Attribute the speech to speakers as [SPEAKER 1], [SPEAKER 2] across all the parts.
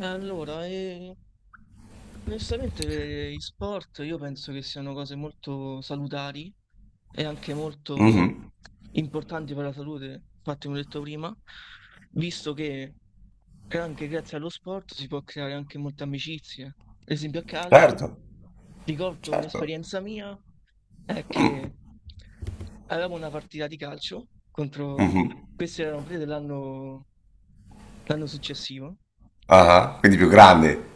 [SPEAKER 1] Allora, onestamente gli sport io penso che siano cose molto salutari e anche
[SPEAKER 2] Mh-mh.
[SPEAKER 1] molto importanti per la salute. Infatti, come ho detto prima, visto che anche grazie allo sport si può creare anche molte amicizie. Ad esempio a calcio,
[SPEAKER 2] Certo,
[SPEAKER 1] ricordo
[SPEAKER 2] certo.
[SPEAKER 1] un'esperienza mia, è
[SPEAKER 2] Mh.
[SPEAKER 1] che avevamo una partita di calcio contro,
[SPEAKER 2] Mh-mh.
[SPEAKER 1] questi erano prese dell'anno l'anno successivo.
[SPEAKER 2] Ah-ah, quindi più grande.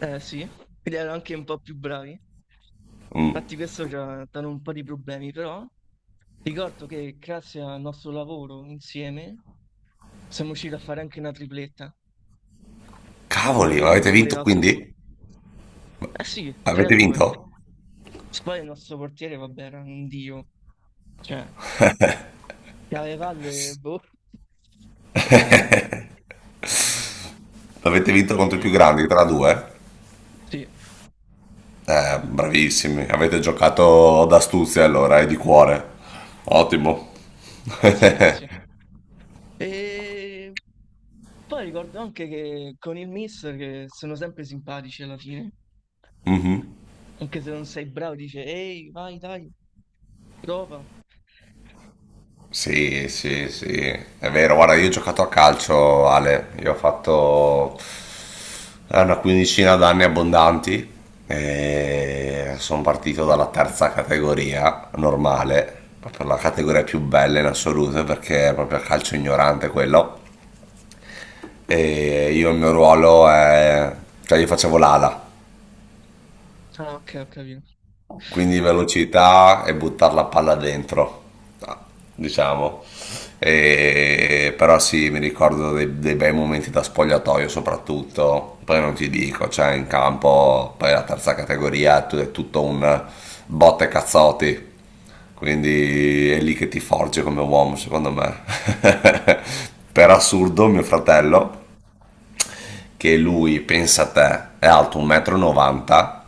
[SPEAKER 1] Eh sì, quindi erano anche un po' più bravi.
[SPEAKER 2] Mh.
[SPEAKER 1] Infatti questo ci ha dato un po' di problemi, però ricordo che grazie al nostro lavoro insieme siamo riusciti a fare anche una tripletta. Tipo
[SPEAKER 2] Cavoli,
[SPEAKER 1] io ho
[SPEAKER 2] ma avete
[SPEAKER 1] fatto pure
[SPEAKER 2] vinto
[SPEAKER 1] assist.
[SPEAKER 2] quindi?
[SPEAKER 1] Eh sì, 3 a
[SPEAKER 2] Avete
[SPEAKER 1] 2.
[SPEAKER 2] vinto?
[SPEAKER 1] Poi il nostro portiere, vabbè, era un dio. Cioè, chiave valle, boh.
[SPEAKER 2] Avete vinto contro i più
[SPEAKER 1] E...
[SPEAKER 2] grandi tra 2?
[SPEAKER 1] Sì,
[SPEAKER 2] Bravissimi, avete giocato d'astuzia allora e di cuore. Ottimo.
[SPEAKER 1] grazie, grazie. E... Poi ricordo anche che con il mister, che sono sempre simpatici alla fine,
[SPEAKER 2] Mh-mh.
[SPEAKER 1] anche se non sei bravo, dice ehi, vai, dai, prova.
[SPEAKER 2] Sì, sì, sì, è vero. Guarda, io ho giocato a calcio, Ale, io ho fatto ha una quindicina d'anni abbondanti. E sono partito dalla terza categoria normale, proprio la categoria più bella in assoluto perché è proprio calcio ignorante quello. E io il mio ruolo è, cioè, io facevo l'ala,
[SPEAKER 1] Ah, ok, ho capito.
[SPEAKER 2] quindi velocità e buttare la palla dentro, diciamo. Però sì, mi ricordo dei bei momenti da spogliatoio soprattutto. Poi non ti dico, cioè in campo, poi la terza categoria è tutto un botte cazzotti, quindi è lì che ti forge come uomo, secondo me. Per assurdo mio fratello, che lui, pensa a te, è alto 1,90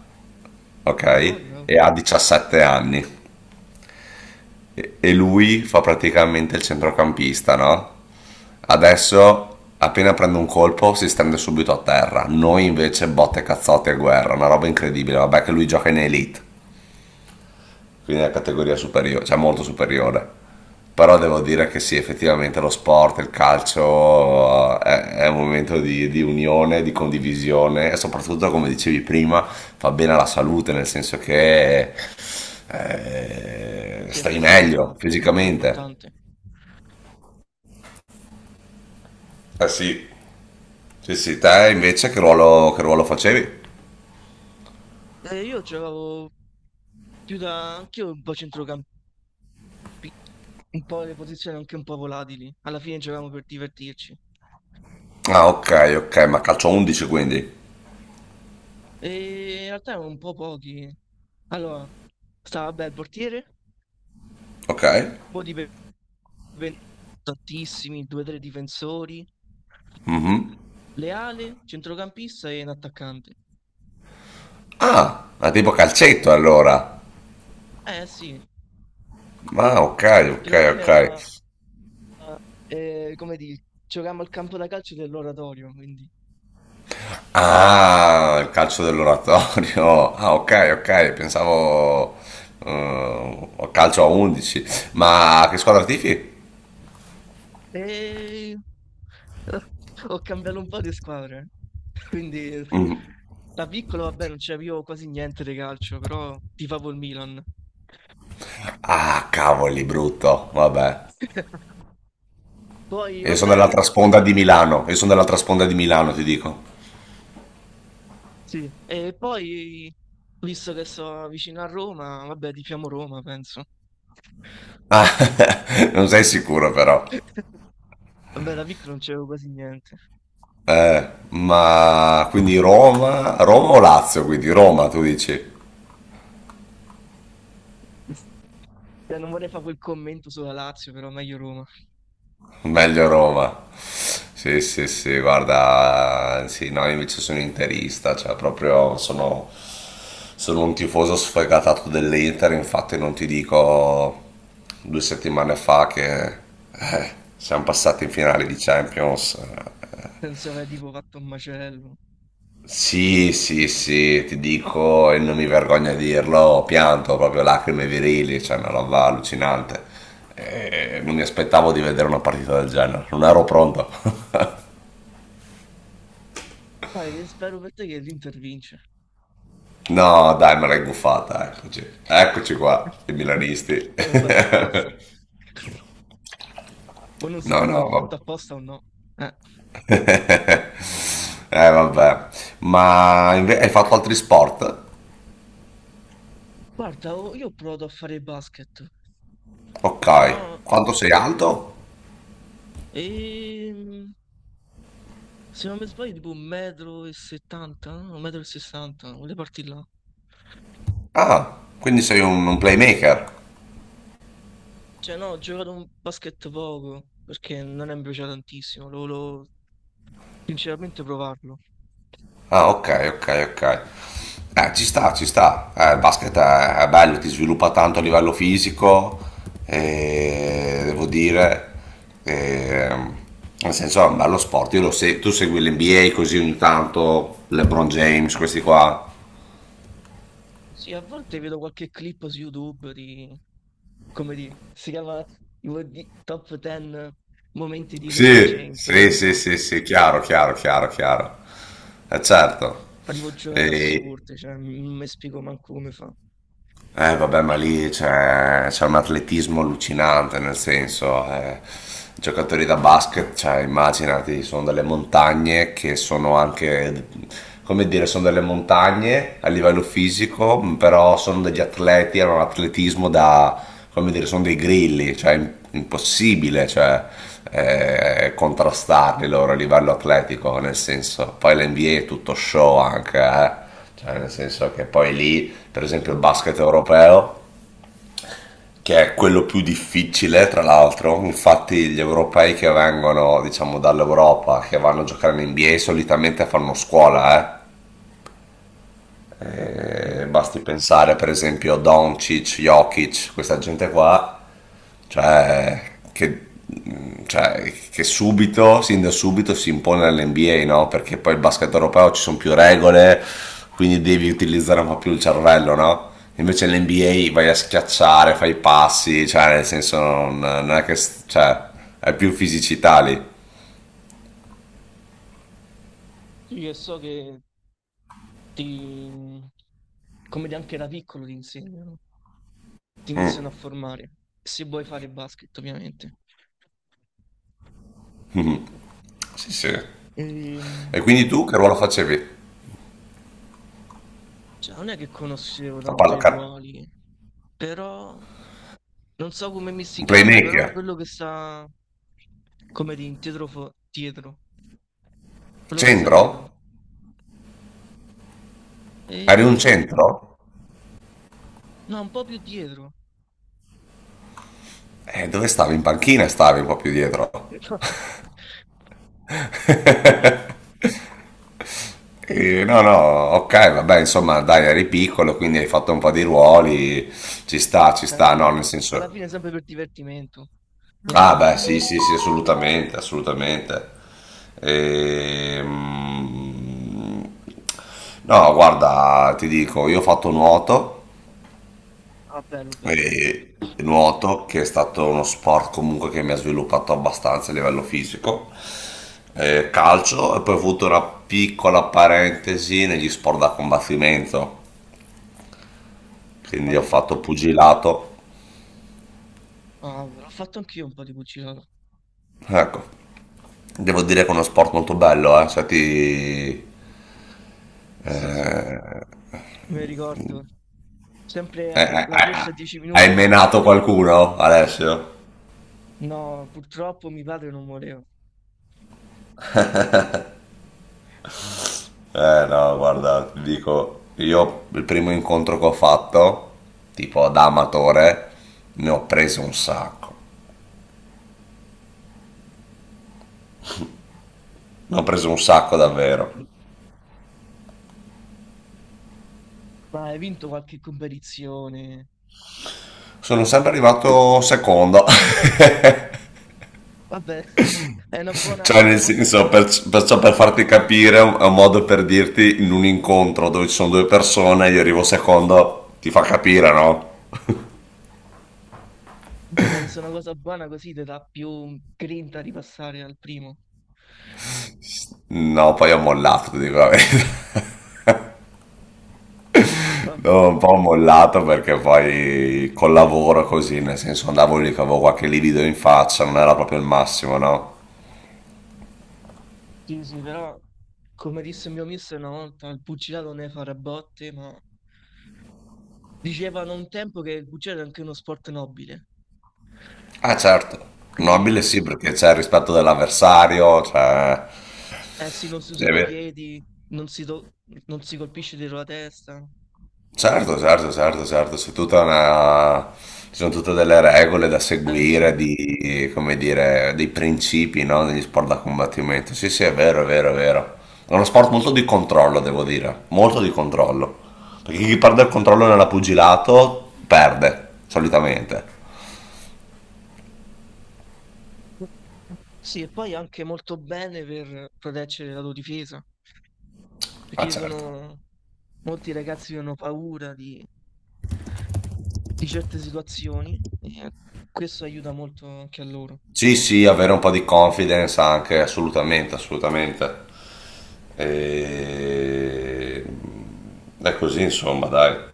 [SPEAKER 2] m, ok?
[SPEAKER 1] Madonna, oh.
[SPEAKER 2] E ha 17 anni. E lui fa praticamente il centrocampista, no? Adesso, appena prende un colpo, si stende subito a terra. Noi invece botte, cazzotti e guerra, una roba incredibile. Vabbè che lui gioca in elite, quindi è una categoria superiore, cioè molto superiore. Però devo dire che sì, effettivamente lo sport, il calcio è un momento di unione, di condivisione e soprattutto, come dicevi prima, fa bene alla salute, nel senso che
[SPEAKER 1] Sì, è
[SPEAKER 2] stai
[SPEAKER 1] questa
[SPEAKER 2] meglio
[SPEAKER 1] cosa molto
[SPEAKER 2] fisicamente.
[SPEAKER 1] importante.
[SPEAKER 2] Ah sì, sì, sì, te invece che ruolo facevi?
[SPEAKER 1] Io giocavo più da anch'io un po' centrocampista, un po' le posizioni anche un po' volatili. Alla fine giocavamo per divertirci.
[SPEAKER 2] Ah,
[SPEAKER 1] Ah,
[SPEAKER 2] ok, ok,
[SPEAKER 1] ok.
[SPEAKER 2] ma calcio 11 quindi.
[SPEAKER 1] E in realtà erano un po' pochi. Allora, stava beh il portiere,
[SPEAKER 2] Ok.
[SPEAKER 1] Modi 20 tantissimi, due o tre difensori,
[SPEAKER 2] Mhm.
[SPEAKER 1] Leale, centrocampista e un attaccante.
[SPEAKER 2] Ah, ma tipo calcetto allora.
[SPEAKER 1] Eh sì,
[SPEAKER 2] Ah, ok,
[SPEAKER 1] che
[SPEAKER 2] ok,
[SPEAKER 1] alla fine
[SPEAKER 2] ok.
[SPEAKER 1] era, come dire, giocavamo al campo da calcio dell'oratorio, quindi...
[SPEAKER 2] Ah, il calcio dell'oratorio. Ah, ok, ok, pensavo calcio a 11. Ma che squadra tifi?
[SPEAKER 1] E... Ho cambiato un po' di squadre, quindi da piccolo vabbè non c'avevo quasi niente di calcio, però tifavo il Milan.
[SPEAKER 2] Ah, cavoli, brutto. Vabbè.
[SPEAKER 1] Poi
[SPEAKER 2] Io sono
[SPEAKER 1] vabbè,
[SPEAKER 2] dall'altra sponda di Milano. Io sono dall'altra sponda di Milano, ti dico.
[SPEAKER 1] sì, e poi visto che sono vicino a Roma, vabbè tifiamo Roma, penso.
[SPEAKER 2] Ah, non sei sicuro però.
[SPEAKER 1] Vabbè, da piccolo non c'avevo quasi niente.
[SPEAKER 2] Ma quindi Roma, Roma o Lazio? Quindi Roma, tu dici?
[SPEAKER 1] Cioè, non vorrei fare quel commento sulla Lazio, però meglio Roma.
[SPEAKER 2] Meglio Roma. Sì, sì, sì, guarda, sì, no, io invece sono interista, cioè proprio sono un tifoso sfegatato dell'Inter, infatti non ti dico 2 settimane fa che siamo passati in finale di Champions, eh.
[SPEAKER 1] Penso aver tipo fatto un macello.
[SPEAKER 2] Sì, sì, sì, ti dico e non mi vergogno a dirlo, ho pianto proprio lacrime virili, cioè una roba allucinante. Non mi aspettavo di vedere una partita del genere, non ero pronto.
[SPEAKER 1] Dai, e spero per te che l'Inter vince.
[SPEAKER 2] No, dai, me l'hai buffata, eccoci. Eccoci qua, i milanisti.
[SPEAKER 1] L'ho fatto apposta. Ma non
[SPEAKER 2] No,
[SPEAKER 1] sapevo se l'ho
[SPEAKER 2] no,
[SPEAKER 1] fatto
[SPEAKER 2] vabbè.
[SPEAKER 1] apposta o no. Eh.
[SPEAKER 2] Vabbè. Ma hai fatto altri sport?
[SPEAKER 1] Guarda, io ho provato a fare basket,
[SPEAKER 2] Ok.
[SPEAKER 1] però
[SPEAKER 2] Quanto sei alto?
[SPEAKER 1] ehm, se non mi sbaglio tipo 1,70 m, no? 1,60 m, volevo partire là.
[SPEAKER 2] Ah, quindi sei un playmaker.
[SPEAKER 1] Cioè, no, ho giocato un basket poco perché non è mi piace tantissimo. Lo volevo sinceramente provarlo.
[SPEAKER 2] Ah, ok, ok, ok. Ci sta, ci sta. Il basket è bello, ti sviluppa tanto a livello fisico, e devo dire, ehm, nel senso è un bello sport. Io lo se- Tu segui l'NBA così ogni tanto, LeBron James, questi qua.
[SPEAKER 1] Sì, a volte vedo qualche clip su YouTube di, come di, si chiama tipo Top 10 momenti di LeBron
[SPEAKER 2] Sì,
[SPEAKER 1] James, che
[SPEAKER 2] sì,
[SPEAKER 1] ne
[SPEAKER 2] sì,
[SPEAKER 1] so.
[SPEAKER 2] sì, sì, chiaro, chiaro, chiaro, chiaro. Certo.
[SPEAKER 1] Fa tipo giocate assurde, cioè, non mi spiego manco come fa.
[SPEAKER 2] Eh vabbè, ma lì c'è un atletismo allucinante, nel senso, giocatori da basket, cioè, immaginati, sono delle montagne che sono anche, come dire, sono delle montagne a livello fisico, però sono degli atleti, hanno un atletismo da, come dire, sono dei grilli, cioè impossibile, cioè, contrastarli loro a livello atletico, nel senso, poi l'NBA è tutto show anche, eh. Cioè, nel senso che poi lì, per esempio,
[SPEAKER 1] Tutto
[SPEAKER 2] il
[SPEAKER 1] quello.
[SPEAKER 2] basket europeo, che è quello più difficile, tra l'altro, infatti gli europei che vengono, diciamo, dall'Europa, che vanno a giocare in NBA, solitamente fanno scuola, eh.
[SPEAKER 1] Sì.
[SPEAKER 2] Basti pensare per esempio a Doncic, Jokic, questa gente qua. Cioè, che, cioè, che subito, sin da subito si impone all'NBA, no? Perché poi il basket europeo ci sono più regole, quindi devi utilizzare un po' più il cervello, no? Invece l'NBA vai a schiacciare, fai i passi, cioè nel senso non è che. Cioè, è più fisicità lì.
[SPEAKER 1] Sì, e so che ti, come di, anche da piccolo ti insegnano, ti
[SPEAKER 2] Mm,
[SPEAKER 1] iniziano a formare, se vuoi fare basket, ovviamente.
[SPEAKER 2] sì, sì.
[SPEAKER 1] Ehm,
[SPEAKER 2] E quindi tu che ruolo facevi?
[SPEAKER 1] cioè, non è che conoscevo
[SPEAKER 2] La
[SPEAKER 1] tanto
[SPEAKER 2] palla,
[SPEAKER 1] i ruoli, però non so come mi si
[SPEAKER 2] un
[SPEAKER 1] chiama, però
[SPEAKER 2] playmaker?
[SPEAKER 1] quello che sta come di dietro, dietro, quello che sta
[SPEAKER 2] Centro?
[SPEAKER 1] dietro.
[SPEAKER 2] Eri un
[SPEAKER 1] E
[SPEAKER 2] centro?
[SPEAKER 1] no, un po' più dietro.
[SPEAKER 2] Dove stavi? In panchina stavi un po' più dietro.
[SPEAKER 1] Boh.
[SPEAKER 2] No, no, ok, vabbè, insomma, dai, eri piccolo, quindi hai fatto un po' di ruoli, ci
[SPEAKER 1] Ah
[SPEAKER 2] sta,
[SPEAKER 1] sì,
[SPEAKER 2] no,
[SPEAKER 1] eh.
[SPEAKER 2] nel
[SPEAKER 1] Alla
[SPEAKER 2] senso.
[SPEAKER 1] fine è sempre per divertimento,
[SPEAKER 2] Ah, beh,
[SPEAKER 1] nient'altro.
[SPEAKER 2] sì, sì, sì, assolutamente, assolutamente. Ehm, No, guarda, ti dico, io ho fatto nuoto,
[SPEAKER 1] Ah, bello, bello.
[SPEAKER 2] e nuoto che è stato uno sport comunque che mi ha sviluppato abbastanza a livello fisico, calcio e poi ho avuto una piccola parentesi negli sport da combattimento,
[SPEAKER 1] Ma
[SPEAKER 2] quindi
[SPEAKER 1] che
[SPEAKER 2] ho
[SPEAKER 1] hai
[SPEAKER 2] fatto
[SPEAKER 1] fatto?
[SPEAKER 2] pugilato.
[SPEAKER 1] Ah, l'ho fatto anch'io un po' di pugilato.
[SPEAKER 2] Ecco, devo dire che è uno sport molto bello. Eh, se ti... eh,
[SPEAKER 1] Sì, sì,
[SPEAKER 2] eh,
[SPEAKER 1] me ricordo. Sempre
[SPEAKER 2] eh, eh,
[SPEAKER 1] alla corsa
[SPEAKER 2] eh,
[SPEAKER 1] a 10 minuti
[SPEAKER 2] hai menato
[SPEAKER 1] all'inizio.
[SPEAKER 2] qualcuno, Alessio?
[SPEAKER 1] No, purtroppo mio padre non voleva.
[SPEAKER 2] Eh no, guarda, ti dico, io il primo incontro che ho fatto, tipo da amatore, ne ho preso un sacco, ne ho preso un sacco
[SPEAKER 1] Eh,
[SPEAKER 2] davvero.
[SPEAKER 1] ma hai vinto qualche competizione?
[SPEAKER 2] Sono sempre arrivato secondo.
[SPEAKER 1] Vabbè, è una
[SPEAKER 2] Cioè, nel
[SPEAKER 1] buona...
[SPEAKER 2] senso, perciò per farti capire, è un modo per dirti, in un incontro dove ci sono due persone, io arrivo secondo, ti fa capire, no?
[SPEAKER 1] Vabbè, penso una cosa buona così ti dà più grinta di passare al primo.
[SPEAKER 2] No, poi ho mollato, ti dico la verità.
[SPEAKER 1] Vabbè,
[SPEAKER 2] No, un po' ho mollato perché poi col lavoro così, nel senso andavo lì che avevo qualche livido in faccia, non era proprio il massimo, no?
[SPEAKER 1] sì, sì, però come disse il mio mister una volta, il pugilato ne fa a botte, ma dicevano un tempo che il pugilato è anche uno sport nobile.
[SPEAKER 2] Ah certo, nobile
[SPEAKER 1] Quindi,
[SPEAKER 2] sì perché c'è il rispetto dell'avversario, cioè,
[SPEAKER 1] eh sì, non si
[SPEAKER 2] è
[SPEAKER 1] usano
[SPEAKER 2] vero.
[SPEAKER 1] piedi, non si, to- non si colpisce dietro la testa.
[SPEAKER 2] Certo, certo, certo, certo, c'è tutta una, ci sono tutte delle regole da
[SPEAKER 1] Eh sì.
[SPEAKER 2] seguire, di, come dire, dei principi, no? Negli sport da combattimento. Sì, sì, è vero, è vero, è vero. È uno sport molto di controllo, devo dire, molto di controllo. Perché chi perde il controllo nella pugilato perde, solitamente.
[SPEAKER 1] Sì, e poi anche molto bene per proteggere la tua difesa, perché
[SPEAKER 2] Ah,
[SPEAKER 1] ci
[SPEAKER 2] certo.
[SPEAKER 1] sono molti ragazzi che hanno paura di certe situazioni e questo aiuta molto anche a loro.
[SPEAKER 2] Sì, sì, avere un po' di confidence anche, assolutamente, assolutamente. E... È così, insomma, dai.